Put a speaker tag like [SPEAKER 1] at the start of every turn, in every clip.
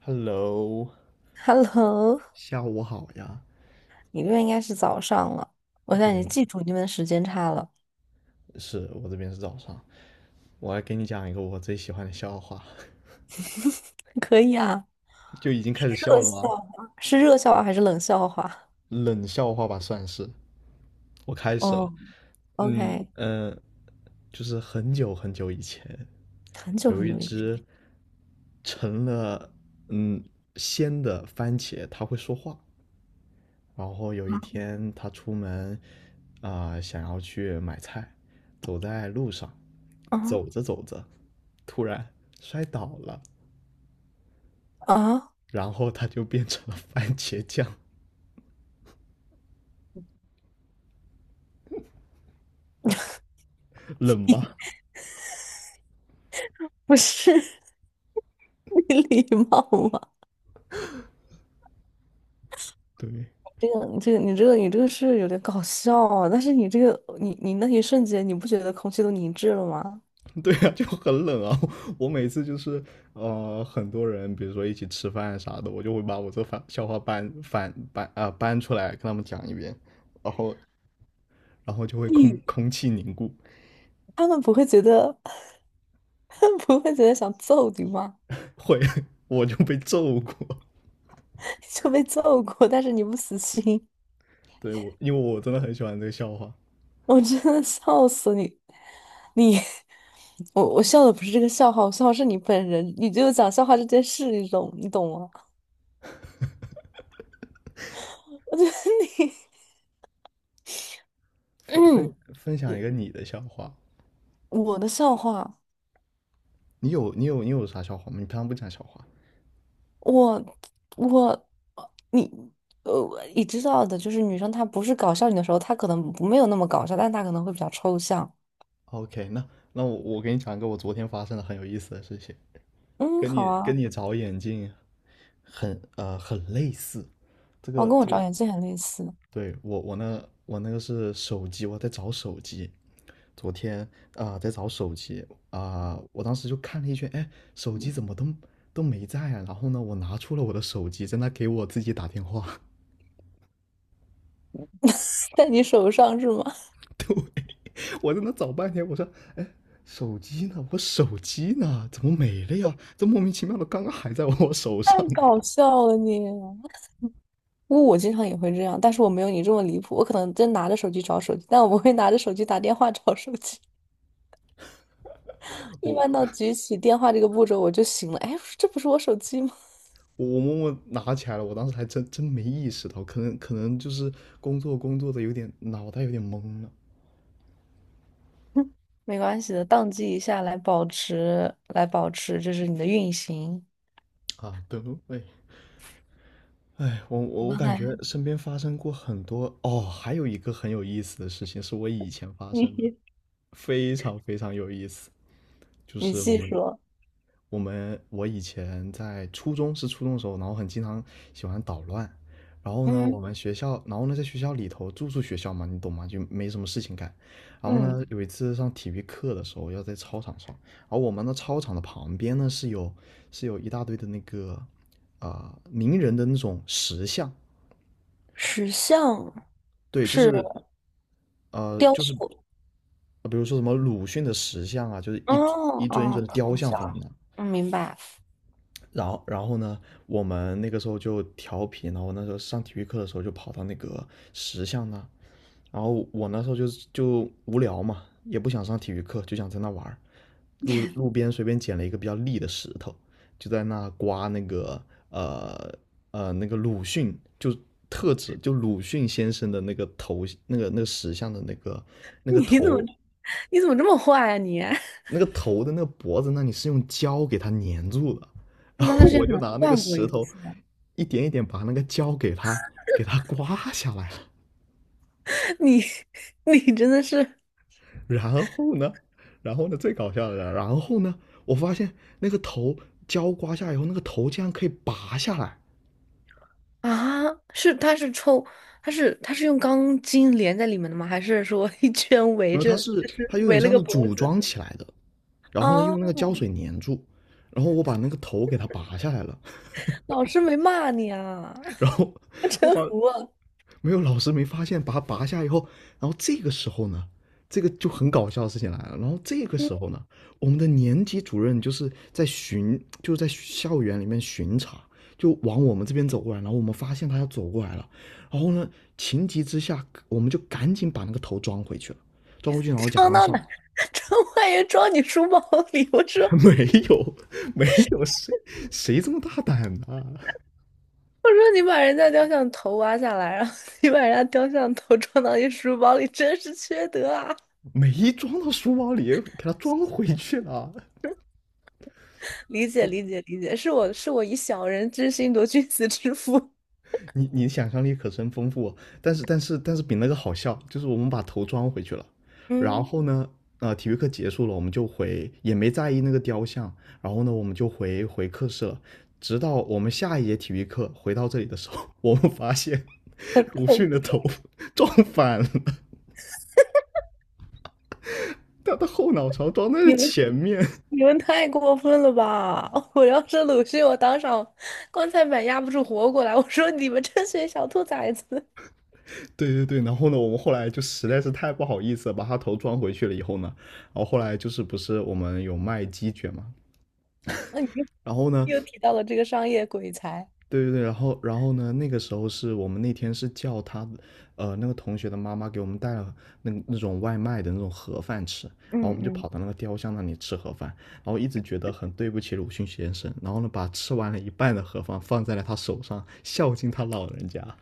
[SPEAKER 1] Hello，
[SPEAKER 2] Hello，
[SPEAKER 1] 下午好呀。
[SPEAKER 2] 你这边应该是早上了，我现在已经
[SPEAKER 1] 对，
[SPEAKER 2] 记住你们的时间差了。
[SPEAKER 1] 是我这边是早上。我来给你讲一个我最喜欢的笑话。
[SPEAKER 2] 可以啊，
[SPEAKER 1] 就已经开始笑了吗？
[SPEAKER 2] 热笑话还是冷笑话？
[SPEAKER 1] 冷笑话吧，算是。我开始了。
[SPEAKER 2] 哦
[SPEAKER 1] 嗯
[SPEAKER 2] ，OK，
[SPEAKER 1] 嗯。就是很久很久以前，
[SPEAKER 2] 很久
[SPEAKER 1] 有
[SPEAKER 2] 很
[SPEAKER 1] 一
[SPEAKER 2] 久以
[SPEAKER 1] 只
[SPEAKER 2] 前
[SPEAKER 1] 成了嗯鲜的番茄，它会说话。然后有一天他出门，想要去买菜，走在路上，
[SPEAKER 2] 啊
[SPEAKER 1] 走着走着，突然摔倒了，
[SPEAKER 2] 啊，
[SPEAKER 1] 然后他就变成了番茄酱。冷吧？
[SPEAKER 2] 不是 你礼貌吗？
[SPEAKER 1] 对。
[SPEAKER 2] 你这个是有点搞笑啊，但是你那一瞬间你不觉得空气都凝滞了吗？
[SPEAKER 1] 对啊，就很冷啊！我每次就是，很多人，比如说一起吃饭啥的，我就会把我这番笑话搬翻搬啊、呃搬出来跟他们讲一遍。然后然后就会
[SPEAKER 2] 你
[SPEAKER 1] 空气凝固。
[SPEAKER 2] 他们不会觉得 他们不会觉得想揍你吗？
[SPEAKER 1] 会。 我就被揍过。
[SPEAKER 2] 就被揍过，但是你不死心。
[SPEAKER 1] 对，我因为我真的很喜欢这个笑话。
[SPEAKER 2] 我真的笑死你！你 我笑的不是这个笑话，我笑的是你本人，你就讲笑话这件事，你懂你懂吗？我觉得你，
[SPEAKER 1] 分分
[SPEAKER 2] 嗯，
[SPEAKER 1] 分享一个你的笑话。
[SPEAKER 2] 我的笑话，
[SPEAKER 1] 你有啥笑话吗？你平常不讲笑话
[SPEAKER 2] 我我你呃，你知道的，就是女生她不是搞笑你的时候，她可能不没有那么搞笑，但她可能会比较抽象。
[SPEAKER 1] ？OK，那我给你讲一个我昨天发生的很有意思的事情，
[SPEAKER 2] 嗯，
[SPEAKER 1] 跟
[SPEAKER 2] 好
[SPEAKER 1] 你跟
[SPEAKER 2] 啊，
[SPEAKER 1] 你找眼镜很类似。这
[SPEAKER 2] 哦，
[SPEAKER 1] 个
[SPEAKER 2] 跟我
[SPEAKER 1] 这个，
[SPEAKER 2] 长眼睛很类似，
[SPEAKER 1] 对，我那个是手机，我在找手机。昨天在找手机，啊、我当时就看了一圈，哎，手机怎么都没在啊？然后呢，我拿出了我的手机，在那给我自己打电话。
[SPEAKER 2] 在你手上是吗？
[SPEAKER 1] 我在那找半天，我说，哎，手机呢？我手机呢？怎么没了呀？这莫名其妙的，刚刚还在我手
[SPEAKER 2] 太
[SPEAKER 1] 上。
[SPEAKER 2] 搞 笑了你。因为我经常也会这样，但是我没有你这么离谱。我可能真拿着手机找手机，但我不会拿着手机打电话找手机。
[SPEAKER 1] 我
[SPEAKER 2] 一
[SPEAKER 1] 我
[SPEAKER 2] 般到举起电话这个步骤，我就醒了。哎，这不是我手机吗？
[SPEAKER 1] 我默默拿起来了，我当时还真没意识到，可能就是工作的有点脑袋有点懵了。
[SPEAKER 2] 没关系的，宕机一下来保持，来保持，这是你的运行。
[SPEAKER 1] 啊，对对。哎哎，我
[SPEAKER 2] 我
[SPEAKER 1] 我我
[SPEAKER 2] 刚
[SPEAKER 1] 感
[SPEAKER 2] 才
[SPEAKER 1] 觉身边发生过很多哦。还有一个很有意思的事情是我以前发 生的，
[SPEAKER 2] 你
[SPEAKER 1] 非常非常有意思。就
[SPEAKER 2] 你
[SPEAKER 1] 是我
[SPEAKER 2] 细
[SPEAKER 1] 们
[SPEAKER 2] 说，
[SPEAKER 1] 我们我以前在初中的时候，然后很经常喜欢捣乱。然后呢，我
[SPEAKER 2] 嗯，
[SPEAKER 1] 们学校，然后呢，在学校里头住宿学校嘛，你懂吗？就没什么事情干。然后
[SPEAKER 2] 嗯，
[SPEAKER 1] 呢，有一次上体育课的时候，要在操场上。然后我们的操场的旁边呢是有一大堆的那个名人的那种石像。
[SPEAKER 2] 石像
[SPEAKER 1] 对，就
[SPEAKER 2] 是
[SPEAKER 1] 是，呃
[SPEAKER 2] 雕
[SPEAKER 1] 就
[SPEAKER 2] 塑，
[SPEAKER 1] 是比如说什么鲁迅的石像啊，就是
[SPEAKER 2] 哦
[SPEAKER 1] 一尊一
[SPEAKER 2] 哦，
[SPEAKER 1] 尊的雕
[SPEAKER 2] 头
[SPEAKER 1] 像
[SPEAKER 2] 像，
[SPEAKER 1] 放在那。
[SPEAKER 2] 嗯，明白。
[SPEAKER 1] 然后呢，我们那个时候就调皮，然后那时候上体育课的时候就跑到那个石像那。然后我那时候就无聊嘛，也不想上体育课，就想在那玩儿。路边随便捡了一个比较立的石头，就在那刮那个，呃那个鲁迅就。特指就鲁迅先生的那个头，那个石像的那个 那个
[SPEAKER 2] 你怎么
[SPEAKER 1] 头，
[SPEAKER 2] 你怎么这么坏啊你？
[SPEAKER 1] 那个头的那个脖子那里是用胶给它粘住的。然
[SPEAKER 2] 那他
[SPEAKER 1] 后
[SPEAKER 2] 之前
[SPEAKER 1] 我
[SPEAKER 2] 可
[SPEAKER 1] 就
[SPEAKER 2] 能
[SPEAKER 1] 拿那个
[SPEAKER 2] 断过
[SPEAKER 1] 石
[SPEAKER 2] 一
[SPEAKER 1] 头
[SPEAKER 2] 次。
[SPEAKER 1] 一点一点把那个胶给它刮下来了。
[SPEAKER 2] 你 你真的是，
[SPEAKER 1] 然后呢，最搞笑的是，然后呢，我发现那个头胶刮下来以后，那个头竟然可以拔下来。
[SPEAKER 2] 啊，是他是抽，他是用钢筋连在里面的吗？还是说一圈围
[SPEAKER 1] 然后它
[SPEAKER 2] 着，
[SPEAKER 1] 是
[SPEAKER 2] 就
[SPEAKER 1] 它
[SPEAKER 2] 是
[SPEAKER 1] 有点
[SPEAKER 2] 围了
[SPEAKER 1] 像
[SPEAKER 2] 个
[SPEAKER 1] 是
[SPEAKER 2] 脖
[SPEAKER 1] 组
[SPEAKER 2] 子。
[SPEAKER 1] 装起来的，然后呢
[SPEAKER 2] 啊？
[SPEAKER 1] 用那个胶水粘住。然后我把那个头给它拔下来了。
[SPEAKER 2] 老师没骂你啊？
[SPEAKER 1] 然后
[SPEAKER 2] 我
[SPEAKER 1] 我把
[SPEAKER 2] 真服了。
[SPEAKER 1] 没有老师没发现，把它拔下以后，然后这个时候呢，这个就很搞笑的事情来了。然后这个
[SPEAKER 2] 你
[SPEAKER 1] 时候呢，我们的年级主任就是在巡，就是在校园里面巡查，就往我们这边走过来。然后我们发现他要走过来了，然后呢，情急之下，我们就赶紧把那个头装回去了，装回去，然后假
[SPEAKER 2] 装
[SPEAKER 1] 装
[SPEAKER 2] 到哪？
[SPEAKER 1] 上。
[SPEAKER 2] 装万元 装你书包里？我 说
[SPEAKER 1] 没有，没有谁这么大胆呢。
[SPEAKER 2] 我说你把人家雕像头挖下来，然后你把人家雕像头装到你书包里，真是缺德啊！
[SPEAKER 1] 没装到书包里，给他装回去了。
[SPEAKER 2] 理解
[SPEAKER 1] 我
[SPEAKER 2] 理解理解，是我以小人之心度君子之腹。
[SPEAKER 1] 你，想象力可真丰富哦。但是比那个好笑，就是我们把头装回去了。然
[SPEAKER 2] 嗯，
[SPEAKER 1] 后呢，体育课结束了，我们就回，也没在意那个雕像。然后呢，我们就回课室了，直到我们下一节体育课回到这里的时候，我们发现鲁迅的头撞反了，他的后脑勺撞 在了
[SPEAKER 2] 你们。
[SPEAKER 1] 前面。
[SPEAKER 2] 你们太过分了吧！我要是鲁迅，我当场棺材板压不住活过来。我说你们这群小兔崽子！
[SPEAKER 1] 对对对，然后呢，我们后来就实在是太不好意思了，把他头装回去了以后呢。然后后来就是不是我们有卖鸡卷嘛。
[SPEAKER 2] 那你
[SPEAKER 1] 然后呢，
[SPEAKER 2] 又提到了这个商业鬼才，
[SPEAKER 1] 对对对，然后呢？那个时候是我们那天是叫他，那个同学的妈妈给我们带了那种外卖的那种盒饭吃，然后我们
[SPEAKER 2] 嗯
[SPEAKER 1] 就跑
[SPEAKER 2] 嗯，
[SPEAKER 1] 到那个雕像那里吃盒饭。然后一直觉得很对不起鲁迅先生，然后呢，把吃完了一半的盒饭放在了他手上，孝敬他老人家。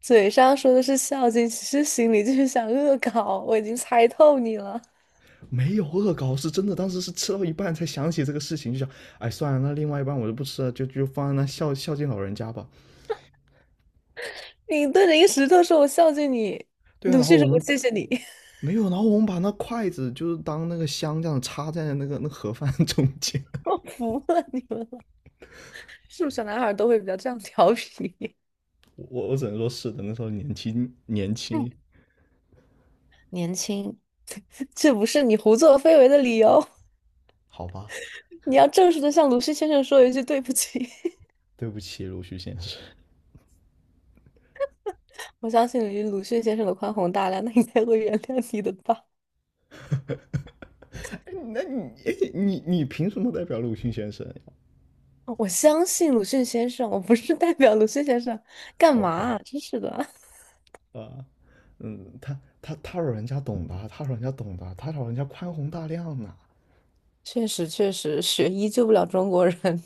[SPEAKER 2] 嘴上说的是孝敬，其实心里就是想恶搞。我已经猜透你了，
[SPEAKER 1] 没有恶搞，是真的，当时是吃到一半才想起这个事情，就想，哎，算了，那另外一半我就不吃了，就放在那孝敬老人家吧。
[SPEAKER 2] 你对着一个石头说我孝敬你，
[SPEAKER 1] 对啊，
[SPEAKER 2] 鲁
[SPEAKER 1] 然后
[SPEAKER 2] 迅
[SPEAKER 1] 我
[SPEAKER 2] 说我
[SPEAKER 1] 们
[SPEAKER 2] 谢谢你，
[SPEAKER 1] 没有，然后我们把那筷子就是当那个香这样插在那盒饭中 间。
[SPEAKER 2] 我服了你们了。是不是小男孩都会比较这样调皮？
[SPEAKER 1] 我只能说是的，那时候年轻年
[SPEAKER 2] 哎，
[SPEAKER 1] 轻。
[SPEAKER 2] 年轻，这不是你胡作非为的理由。
[SPEAKER 1] 好吧，
[SPEAKER 2] 你要正式的向鲁迅先生说一句对不起。
[SPEAKER 1] 对不起鲁迅先生。
[SPEAKER 2] 我相信以鲁迅先生的宽宏大量，那应该会原谅你的吧？
[SPEAKER 1] 那你，你凭什么代表鲁迅先生
[SPEAKER 2] 我相信鲁迅先生，我不是代表鲁迅先生，干嘛
[SPEAKER 1] ？OK，
[SPEAKER 2] 啊真是的，
[SPEAKER 1] 啊，嗯，他老人家懂的，他老人家懂的，他老人家宽宏大量呢。
[SPEAKER 2] 确实确实，学医救不了中国人。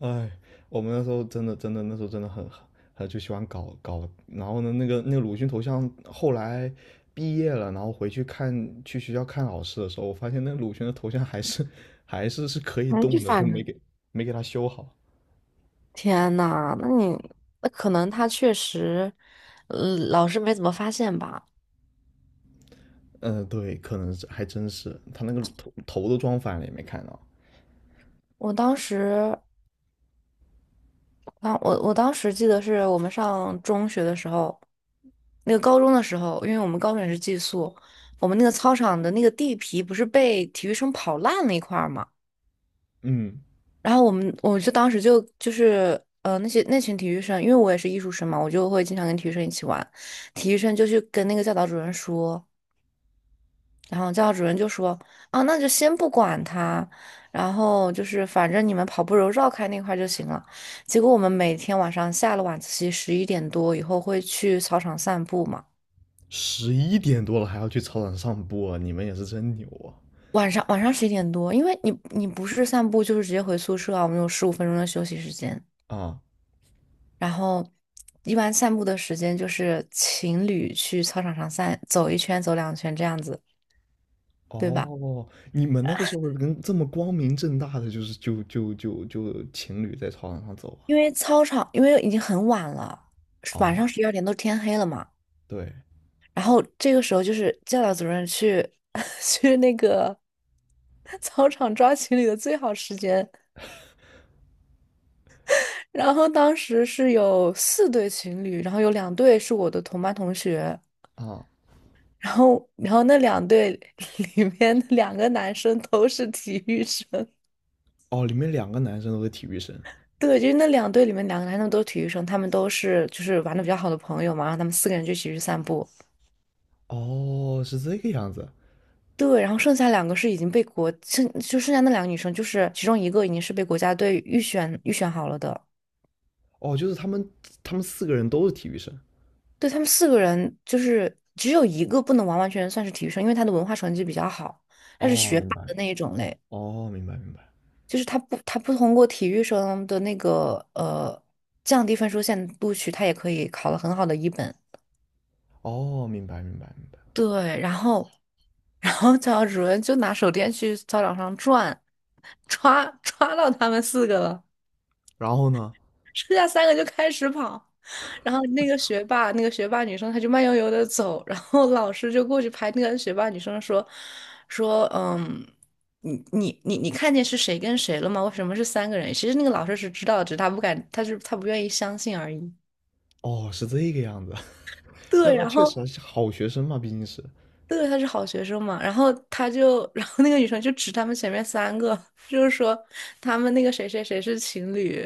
[SPEAKER 1] 哎，我们那时候真的那时候真的很就喜欢搞搞。然后呢，那个鲁迅头像后来毕业了。然后回去去学校看老师的时候，我发现那个鲁迅的头像还是， 还是可以
[SPEAKER 2] 哎，就
[SPEAKER 1] 动的，就
[SPEAKER 2] 反正，
[SPEAKER 1] 没给他修好。
[SPEAKER 2] 天呐，那可能他确实，老师没怎么发现吧？
[SPEAKER 1] 嗯，对，可能是还真是他那个头都装反了也没看到。
[SPEAKER 2] 我当时。啊，我当时记得是我们上中学的时候，那个高中的时候，因为我们高中也是寄宿，我们那个操场的那个地皮不是被体育生跑烂了一块儿嘛，
[SPEAKER 1] 嗯，
[SPEAKER 2] 然后我就当时就是那群体育生，因为我也是艺术生嘛，我就会经常跟体育生一起玩，体育生就去跟那个教导主任说。然后教导主任就说："啊，那就先不管他，然后就是反正你们跑步时候绕开那块儿就行了。"结果我们每天晚上下了晚自习十一点多以后会去操场散步嘛。
[SPEAKER 1] 十一点多了还要去操场上播，你们也是真牛
[SPEAKER 2] 晚上十一点多，因为你不是散步就是直接回宿舍啊，我们有15分钟的休息时间。
[SPEAKER 1] 啊！啊，
[SPEAKER 2] 然后一般散步的时间就是情侣去操场上散走一圈、走两圈这样子，对吧？
[SPEAKER 1] 哦，你们那个时候跟这么光明正大的就是就就就就情侣在操场上走
[SPEAKER 2] 因为操场因为已经很晚了，
[SPEAKER 1] 啊？
[SPEAKER 2] 晚
[SPEAKER 1] 啊，
[SPEAKER 2] 上12点都天黑了嘛。
[SPEAKER 1] 对
[SPEAKER 2] 然后这个时候就是教导主任去 去那个操场抓情侣的最好时间。然后当时是有四对情侣，然后有两对是我的同班同学，
[SPEAKER 1] 啊。
[SPEAKER 2] 然后那两对 里面的两个男生都是体育生。
[SPEAKER 1] 哦，里面两个男生都是体育生。
[SPEAKER 2] 对，就是那两队里面两个男生都是体育生，他们都是就是玩的比较好的朋友嘛，然后他们四个人就一起去散步。
[SPEAKER 1] 哦，是这个样子。
[SPEAKER 2] 对，然后剩下两个是已经被国，剩下那两个女生，就是其中一个已经是被国家队预选好了的。
[SPEAKER 1] 哦，就是他们四个人都是体育生。
[SPEAKER 2] 对，他们四个人就是只有一个不能完完全全算是体育生，因为他的文化成绩比较好，他是
[SPEAKER 1] 哦，
[SPEAKER 2] 学
[SPEAKER 1] 明
[SPEAKER 2] 霸
[SPEAKER 1] 白。
[SPEAKER 2] 的那一种类，
[SPEAKER 1] 哦，明白明白。
[SPEAKER 2] 就是他不通过体育生的那个降低分数线录取，他也可以考了很好的一本。
[SPEAKER 1] 哦，明白明白明白。
[SPEAKER 2] 对，然后教导主任就拿手电去操场上转，抓到他们四个了。
[SPEAKER 1] 然后呢？
[SPEAKER 2] 剩下三个就开始跑。然后那个学霸，那个学霸女生，她就慢悠悠的走，然后老师就过去拍那个学霸女生说，嗯，你看见是谁跟谁了吗？为什么是三个人？其实那个老师是知道的只是他不敢，他不愿意相信而已。
[SPEAKER 1] 哦，是这个样子。那
[SPEAKER 2] 对，
[SPEAKER 1] 那
[SPEAKER 2] 然
[SPEAKER 1] 确实
[SPEAKER 2] 后
[SPEAKER 1] 啊是好学生嘛，毕竟是。
[SPEAKER 2] 对，他是好学生嘛，然后他就，然后那个女生就指他们前面三个，就是说他们那个谁谁谁是情侣，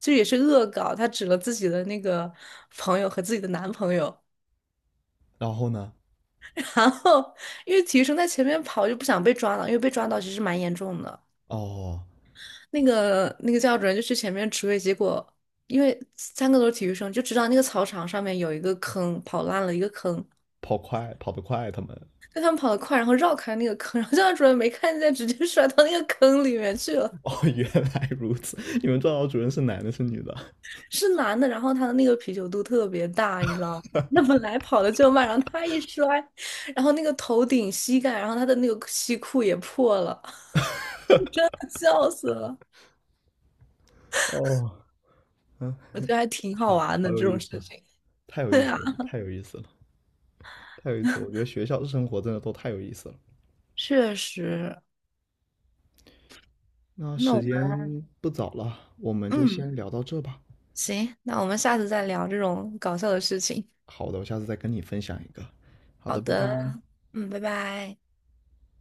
[SPEAKER 2] 就也是恶搞，她指了自己的那个朋友和自己的男朋友。
[SPEAKER 1] 然后呢？
[SPEAKER 2] 然后因为体育生在前面跑，就不想被抓到，因为被抓到其实蛮严重的。
[SPEAKER 1] 哦，
[SPEAKER 2] 那个教主任就去前面指挥，结果因为三个都是体育生，就知道那个操场上面有一个坑，跑烂了一个坑，
[SPEAKER 1] 跑得快，他们。
[SPEAKER 2] 但他们跑得快，然后绕开那个坑，然后教导主任没看见，直接摔到那个坑里面去了。
[SPEAKER 1] 哦，原来如此，你们教导主任是男的，是女的？
[SPEAKER 2] 是男的，然后他的那个啤酒肚特别大，你知道吗？那本来跑的就慢，然后他一摔，然后那个头顶、膝盖，然后他的那个西裤也破了，笑死了。
[SPEAKER 1] 哦，嗯，
[SPEAKER 2] 我觉得还挺好
[SPEAKER 1] 好，
[SPEAKER 2] 玩
[SPEAKER 1] 好
[SPEAKER 2] 的
[SPEAKER 1] 有
[SPEAKER 2] 这
[SPEAKER 1] 意
[SPEAKER 2] 种事
[SPEAKER 1] 思，
[SPEAKER 2] 情。
[SPEAKER 1] 太 有意
[SPEAKER 2] 对啊，
[SPEAKER 1] 思了，太有意思了，太有意思了！我觉得学校生活真的都太有意思了。
[SPEAKER 2] 确实。
[SPEAKER 1] 那
[SPEAKER 2] 那
[SPEAKER 1] 时
[SPEAKER 2] 我们
[SPEAKER 1] 间不早了，我们就
[SPEAKER 2] 嗯，
[SPEAKER 1] 先聊到这吧。
[SPEAKER 2] 行，那我们下次再聊这种搞笑的事情。
[SPEAKER 1] 好的，我下次再跟你分享一个。好
[SPEAKER 2] 好
[SPEAKER 1] 的，拜拜。
[SPEAKER 2] 的，嗯，拜拜。